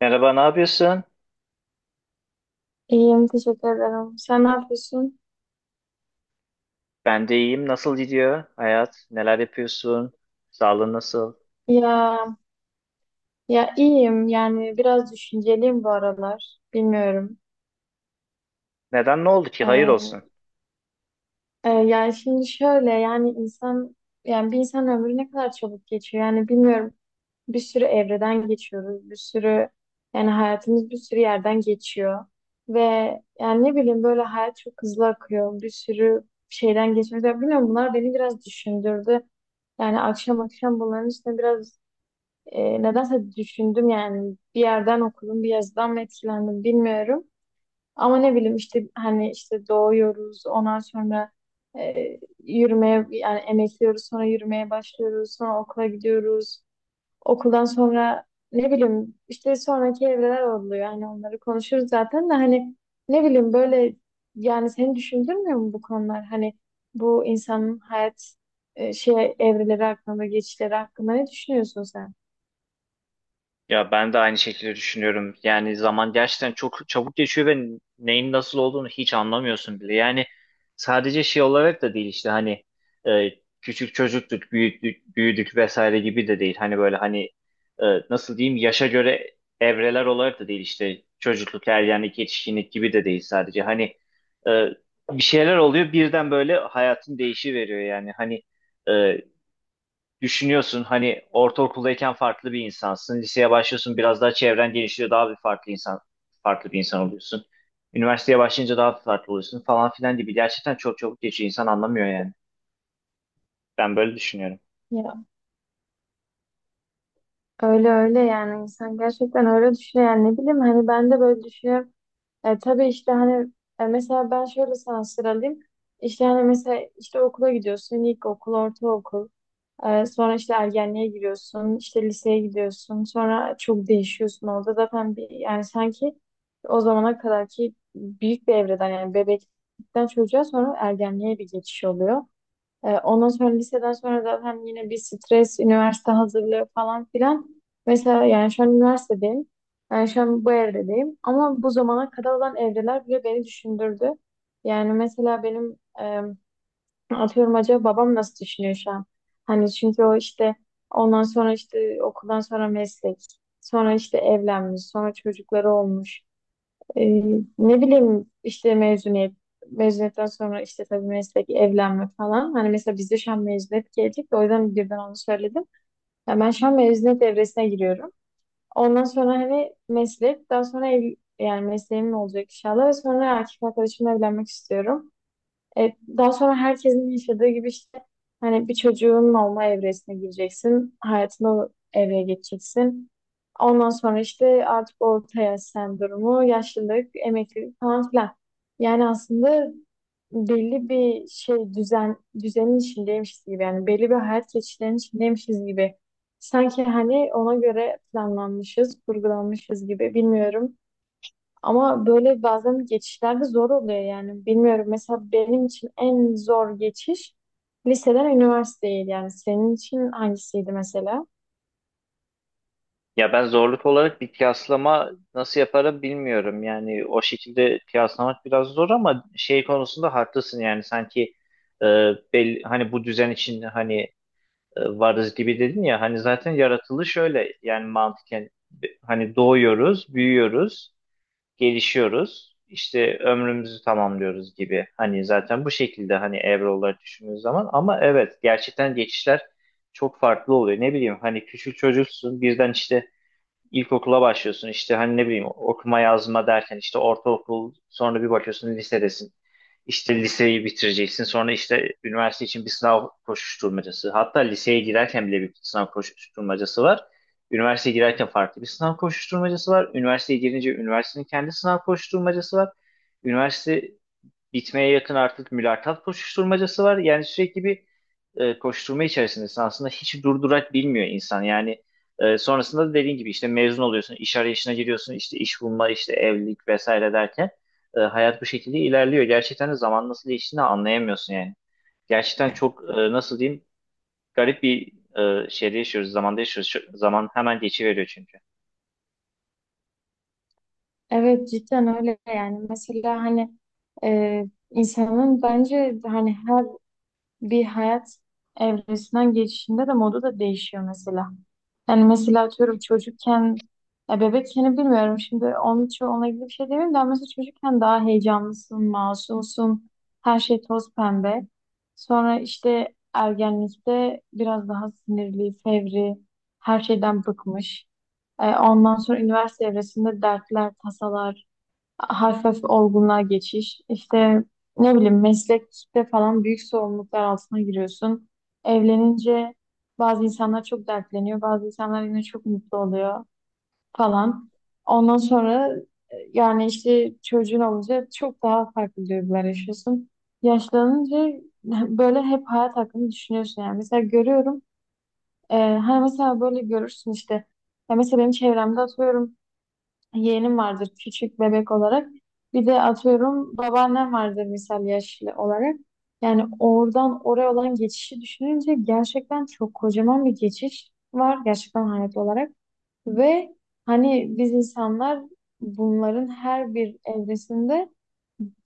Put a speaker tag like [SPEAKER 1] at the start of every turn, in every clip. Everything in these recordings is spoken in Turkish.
[SPEAKER 1] Merhaba, ne yapıyorsun?
[SPEAKER 2] İyiyim, teşekkür ederim. Sen ne yapıyorsun?
[SPEAKER 1] Ben de iyiyim. Nasıl gidiyor hayat? Neler yapıyorsun? Sağlığın nasıl?
[SPEAKER 2] Ya, ya, iyiyim. Yani biraz düşünceliyim bu aralar. Bilmiyorum.
[SPEAKER 1] Neden ne oldu ki? Hayır
[SPEAKER 2] Ee,
[SPEAKER 1] olsun.
[SPEAKER 2] yani şimdi şöyle yani yani bir insan ömrü ne kadar çabuk geçiyor. Yani bilmiyorum. Bir sürü evreden geçiyoruz. Bir sürü yani hayatımız bir sürü yerden geçiyor. Ve yani ne bileyim böyle hayat çok hızlı akıyor. Bir sürü şeyden geçiyoruz. Ya bilmiyorum bunlar beni biraz düşündürdü. Yani akşam akşam bunların üstüne biraz nedense düşündüm yani bir yerden okudum, bir yazıdan mı etkilendim bilmiyorum. Ama ne bileyim işte hani işte doğuyoruz, ondan sonra e, yürümeye yani emekliyoruz, sonra yürümeye başlıyoruz, sonra okula gidiyoruz. Okuldan sonra ne bileyim işte sonraki evreler oluyor. Yani onları konuşuruz zaten de hani ne bileyim böyle yani seni düşündürmüyor mu bu konular? Hani bu insanın hayat şey evreleri hakkında, geçişleri hakkında ne düşünüyorsun sen?
[SPEAKER 1] Ya ben de aynı şekilde düşünüyorum. Yani zaman gerçekten çok çabuk geçiyor ve neyin nasıl olduğunu hiç anlamıyorsun bile. Yani sadece şey olarak da değil işte hani e, küçük çocuktuk, büyüdük, büyüdük vesaire gibi de değil. Hani böyle hani nasıl diyeyim yaşa göre evreler olarak da değil işte çocukluk, ergenlik, yetişkinlik gibi de değil sadece. Hani e, bir şeyler oluyor birden böyle hayatın değişiveriyor yani hani e, düşünüyorsun hani ortaokuldayken farklı bir insansın. Liseye başlıyorsun biraz daha çevren genişliyor daha bir farklı insan farklı bir insan oluyorsun. Üniversiteye başlayınca daha farklı oluyorsun falan filan gibi. Gerçekten çok çabuk geçiyor insan anlamıyor yani. Ben böyle düşünüyorum.
[SPEAKER 2] Öyle öyle yani insan gerçekten öyle düşünüyor yani ne bileyim hani ben de böyle düşünüyorum. E, tabii işte hani mesela ben şöyle sana sıralayayım. İşte hani mesela işte okula gidiyorsun ilkokul, ortaokul. E, sonra işte ergenliğe giriyorsun, işte liseye gidiyorsun. Sonra çok değişiyorsun orada zaten bir yani sanki o zamana kadar ki büyük bir evreden yani bebeklikten çocuğa sonra ergenliğe bir geçiş oluyor. Ondan sonra liseden sonra zaten yine bir stres, üniversite hazırlığı falan filan. Mesela yani şu an üniversitedeyim. Yani şu an bu evredeyim. Ama bu zamana kadar olan evreler bile beni düşündürdü. Yani mesela benim atıyorum acaba babam nasıl düşünüyor şu an? Hani çünkü o işte ondan sonra işte okuldan sonra meslek. Sonra işte evlenmiş. Sonra çocukları olmuş. Ee, ne bileyim işte mezuniyetten sonra işte tabii meslek evlenme falan. Hani mesela bizde şu an mezuniyet gelecek de o yüzden birden onu söyledim. Ya ben şu an mezuniyet evresine giriyorum. Ondan sonra hani meslek daha sonra ev, yani mesleğim olacak inşallah ve sonra erkek arkadaşımla evlenmek istiyorum. E, daha sonra herkesin yaşadığı gibi işte hani bir çocuğun olma evresine gireceksin. Hayatına o evreye geçeceksin. Ondan sonra işte artık orta yaş sendromu, yaşlılık, emeklilik falan filan. Yani aslında belli bir şey düzenin içindeymişiz gibi yani belli bir hayat geçişlerinin içindeymişiz gibi. Sanki hani ona göre planlanmışız, kurgulanmışız gibi bilmiyorum. Ama böyle bazen geçişlerde zor oluyor yani. Bilmiyorum mesela benim için en zor geçiş liseden üniversiteye yani senin için hangisiydi mesela?
[SPEAKER 1] Ya ben zorluk olarak bir kıyaslama nasıl yaparım bilmiyorum. Yani o şekilde kıyaslamak biraz zor ama şey konusunda haklısın yani sanki e, belli, hani bu düzen için hani varız gibi dedin ya hani zaten yaratılı şöyle yani mantıken hani doğuyoruz, büyüyoruz, gelişiyoruz, işte ömrümüzü tamamlıyoruz gibi. Hani zaten bu şekilde hani evre olarak düşündüğün zaman ama evet gerçekten geçişler çok farklı oluyor. Ne bileyim hani küçük çocuksun birden işte ilkokula başlıyorsun işte hani ne bileyim okuma yazma derken işte ortaokul sonra bir bakıyorsun lisedesin. İşte liseyi bitireceksin sonra işte üniversite için bir sınav koşuşturmacası. Hatta liseye girerken bile bir sınav koşuşturmacası var. Üniversiteye girerken farklı bir sınav koşuşturmacası var. Üniversiteye girince üniversitenin kendi sınav koşuşturmacası var. Üniversite bitmeye yakın artık mülakat koşuşturmacası var. Yani sürekli bir koşturma içerisindesin. Aslında hiç durdurak bilmiyor insan. Yani sonrasında da dediğin gibi işte mezun oluyorsun, iş arayışına giriyorsun, işte iş bulma, işte evlilik vesaire derken hayat bu şekilde ilerliyor. Gerçekten de zaman nasıl geçtiğini anlayamıyorsun yani. Gerçekten çok nasıl diyeyim garip bir şeyde yaşıyoruz, zamanda yaşıyoruz. Zaman hemen geçiveriyor çünkü.
[SPEAKER 2] Evet cidden öyle yani mesela hani e, insanın bence hani her bir hayat evresinden geçişinde de modu da değişiyor mesela. Yani mesela atıyorum çocukken, ya bebekken bilmiyorum şimdi onun için onunla ilgili bir şey demeyeyim de ama mesela çocukken daha heyecanlısın, masumsun, her şey toz pembe. Sonra işte ergenlikte biraz daha sinirli, fevri, her şeyden bıkmış. Ondan sonra üniversite evresinde dertler, tasalar, hafif olgunluğa geçiş. İşte ne bileyim meslekte falan büyük sorumluluklar altına giriyorsun. Evlenince bazı insanlar çok dertleniyor, bazı insanlar yine çok mutlu oluyor falan. Ondan sonra yani işte çocuğun olunca çok daha farklı duygular yaşıyorsun. Yaşlanınca böyle hep hayat hakkında düşünüyorsun yani. Mesela görüyorum, hani mesela böyle görürsün işte. Ya mesela benim çevremde atıyorum yeğenim vardır küçük bebek olarak. Bir de atıyorum babaannem vardır misal yaşlı olarak. Yani oradan oraya olan geçişi düşününce gerçekten çok kocaman bir geçiş var gerçekten hayat olarak. Ve hani biz insanlar bunların her bir evresinde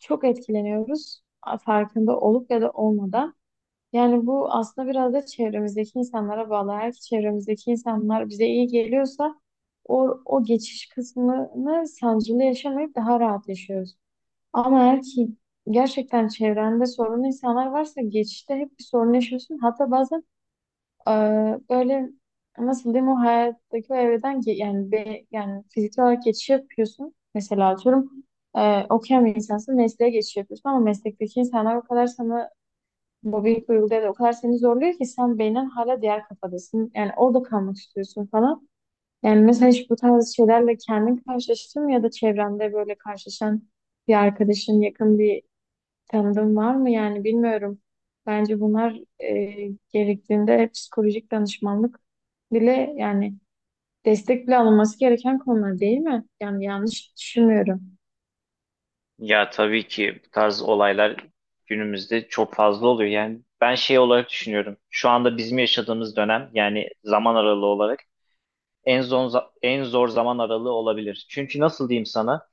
[SPEAKER 2] çok etkileniyoruz farkında olup ya da olmadan. Yani bu aslında biraz da çevremizdeki insanlara bağlı. Eğer ki çevremizdeki insanlar bize iyi geliyorsa o geçiş kısmını sancılı yaşamayıp daha rahat yaşıyoruz. Ama eğer ki gerçekten çevrende sorunlu insanlar varsa geçişte hep bir sorun yaşıyorsun. Hatta bazen böyle nasıl diyeyim o hayattaki o evreden yani fiziksel olarak geçiş yapıyorsun. Mesela atıyorum okuyan bir insansın mesleğe geçiş yapıyorsun ama meslekteki insanlar o kadar sana mobbing duyguları da o kadar seni zorluyor ki sen beynen hala diğer kafadasın. Yani orada kalmak istiyorsun falan. Yani mesela hiç bu tarz şeylerle kendin karşılaştın mı ya da çevrende böyle karşılaşan bir arkadaşın, yakın bir tanıdığın var mı? Yani bilmiyorum. Bence bunlar gerektiğinde psikolojik danışmanlık bile yani destek bile alınması gereken konular değil mi? Yani yanlış düşünmüyorum.
[SPEAKER 1] Ya tabii ki bu tarz olaylar günümüzde çok fazla oluyor. Yani ben şey olarak düşünüyorum. Şu anda bizim yaşadığımız dönem yani zaman aralığı olarak en zor en zor zaman aralığı olabilir. Çünkü nasıl diyeyim sana?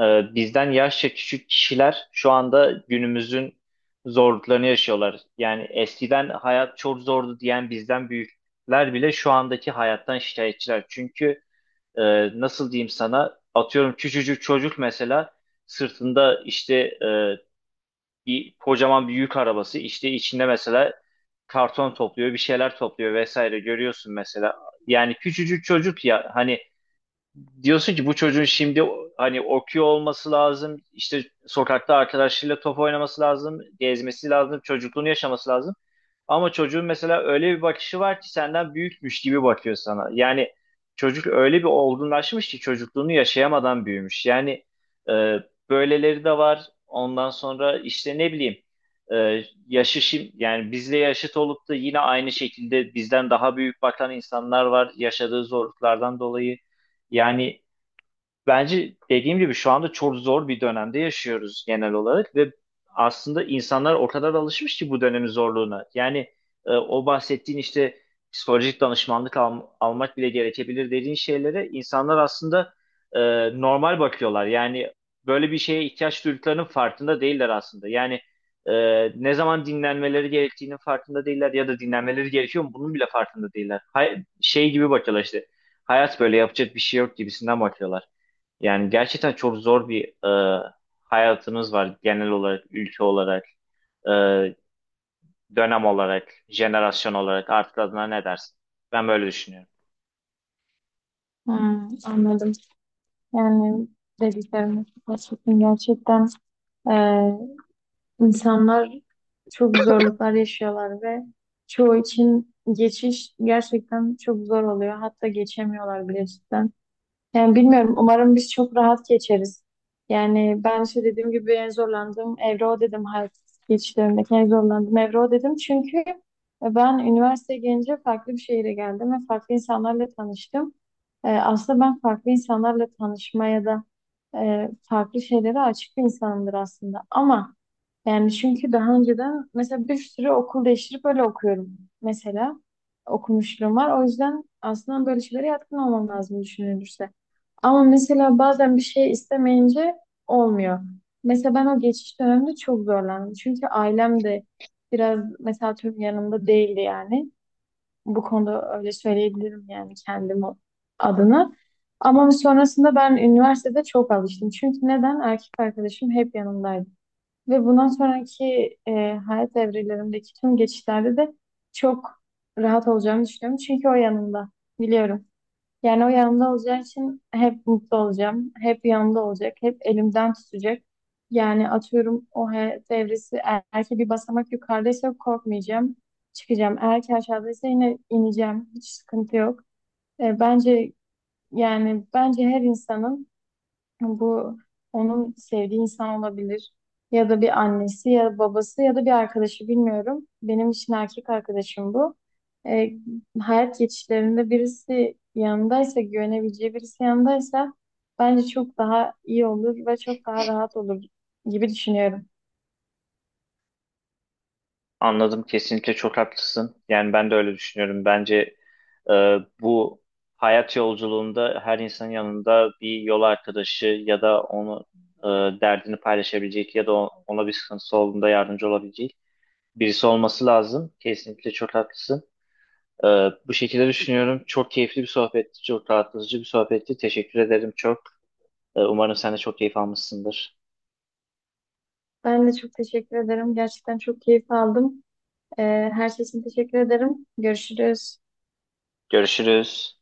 [SPEAKER 1] Bizden yaşça küçük kişiler şu anda günümüzün zorluklarını yaşıyorlar. Yani eskiden hayat çok zordu diyen bizden büyükler bile şu andaki hayattan şikayetçiler. Çünkü e, nasıl diyeyim sana atıyorum küçücük çocuk mesela sırtında işte bir kocaman bir yük arabası işte içinde mesela karton topluyor bir şeyler topluyor vesaire görüyorsun mesela yani küçücük çocuk ya hani diyorsun ki bu çocuğun şimdi hani okuyor olması lazım, işte sokakta arkadaşlarıyla top oynaması lazım, gezmesi lazım, çocukluğunu yaşaması lazım. Ama çocuğun mesela öyle bir bakışı var ki senden büyükmüş gibi bakıyor sana. Yani çocuk öyle bir olgunlaşmış ki çocukluğunu yaşayamadan büyümüş. Yani e, böyleleri de var. Ondan sonra işte ne bileyim yani bizle yaşıt olup da yine aynı şekilde bizden daha büyük bakan insanlar var yaşadığı zorluklardan dolayı. Yani bence dediğim gibi şu anda çok zor bir dönemde yaşıyoruz genel olarak ve aslında insanlar o kadar alışmış ki bu dönemin zorluğuna. Yani o bahsettiğin işte psikolojik danışmanlık almak bile gerekebilir dediğin şeylere insanlar aslında e, normal bakıyorlar. Yani böyle bir şeye ihtiyaç duyduklarının farkında değiller aslında. Yani e, ne zaman dinlenmeleri gerektiğinin farkında değiller ya da dinlenmeleri gerekiyor mu bunun bile farkında değiller. Şey gibi bakıyorlar işte hayat böyle yapacak bir şey yok gibisinden bakıyorlar. Yani gerçekten çok zor bir e, hayatınız var genel olarak, ülke olarak, e, dönem olarak, jenerasyon olarak artık adına ne dersin? Ben böyle düşünüyorum.
[SPEAKER 2] Hmm, anladım. Yani dediklerimiz gerçekten gerçekten İnsanlar çok zorluklar yaşıyorlar ve çoğu için geçiş gerçekten çok zor oluyor. Hatta geçemiyorlar bile cidden. Yani bilmiyorum. Umarım biz çok rahat geçeriz. Yani ben işte dediğim gibi en zorlandığım evre o dedim. Hayat geçişlerimdeki en zorlandığım evre o dedim. Çünkü ben üniversiteye gelince farklı bir şehire geldim ve farklı insanlarla tanıştım. Aslında ben farklı insanlarla tanışmaya da farklı şeylere açık bir insanımdır aslında. Ama yani çünkü daha önceden mesela bir sürü okul değiştirip öyle okuyorum. Mesela okumuşluğum var. O yüzden aslında böyle şeylere yatkın olmam lazım düşünülürse. Ama mesela bazen bir şey istemeyince olmuyor. Mesela ben o geçiş döneminde çok zorlandım. Çünkü ailem de biraz mesela tüm yanımda değildi yani. Bu konuda öyle söyleyebilirim yani kendim adına. Ama sonrasında ben üniversitede çok alıştım. Çünkü neden? Erkek arkadaşım hep yanımdaydı. Ve bundan sonraki e, hayat evrelerimdeki tüm geçişlerde de çok rahat olacağımı düşünüyorum. Çünkü o yanımda. Biliyorum. Yani o yanımda olacağı için hep mutlu olacağım. Hep yanımda olacak. Hep elimden tutacak. Yani atıyorum o hayat evresi eğer ki bir basamak yukarıdaysa korkmayacağım. Çıkacağım. Eğer ki aşağıdaysa yine ineceğim. Hiç sıkıntı yok. Bence yani bence her insanın bu onun sevdiği insan olabilir. Ya da bir annesi ya babası ya da bir arkadaşı bilmiyorum. Benim için erkek arkadaşım bu. Ee, hayat geçişlerinde birisi yanındaysa, güvenebileceği birisi yanındaysa bence çok daha iyi olur ve çok daha rahat olur gibi düşünüyorum.
[SPEAKER 1] Anladım, kesinlikle çok haklısın. Yani ben de öyle düşünüyorum. Bence e, bu hayat yolculuğunda her insanın yanında bir yol arkadaşı ya da onu derdini paylaşabilecek ya da ona bir sıkıntısı olduğunda yardımcı olabilecek birisi olması lazım. Kesinlikle çok haklısın. Ee, Bu şekilde düşünüyorum. Çok keyifli bir sohbetti, çok rahatlatıcı bir sohbetti. Teşekkür ederim çok. Umarım sen de çok keyif almışsındır.
[SPEAKER 2] Ben de çok teşekkür ederim. Gerçekten çok keyif aldım. Ee, her şey için teşekkür ederim. Görüşürüz.
[SPEAKER 1] Görüşürüz.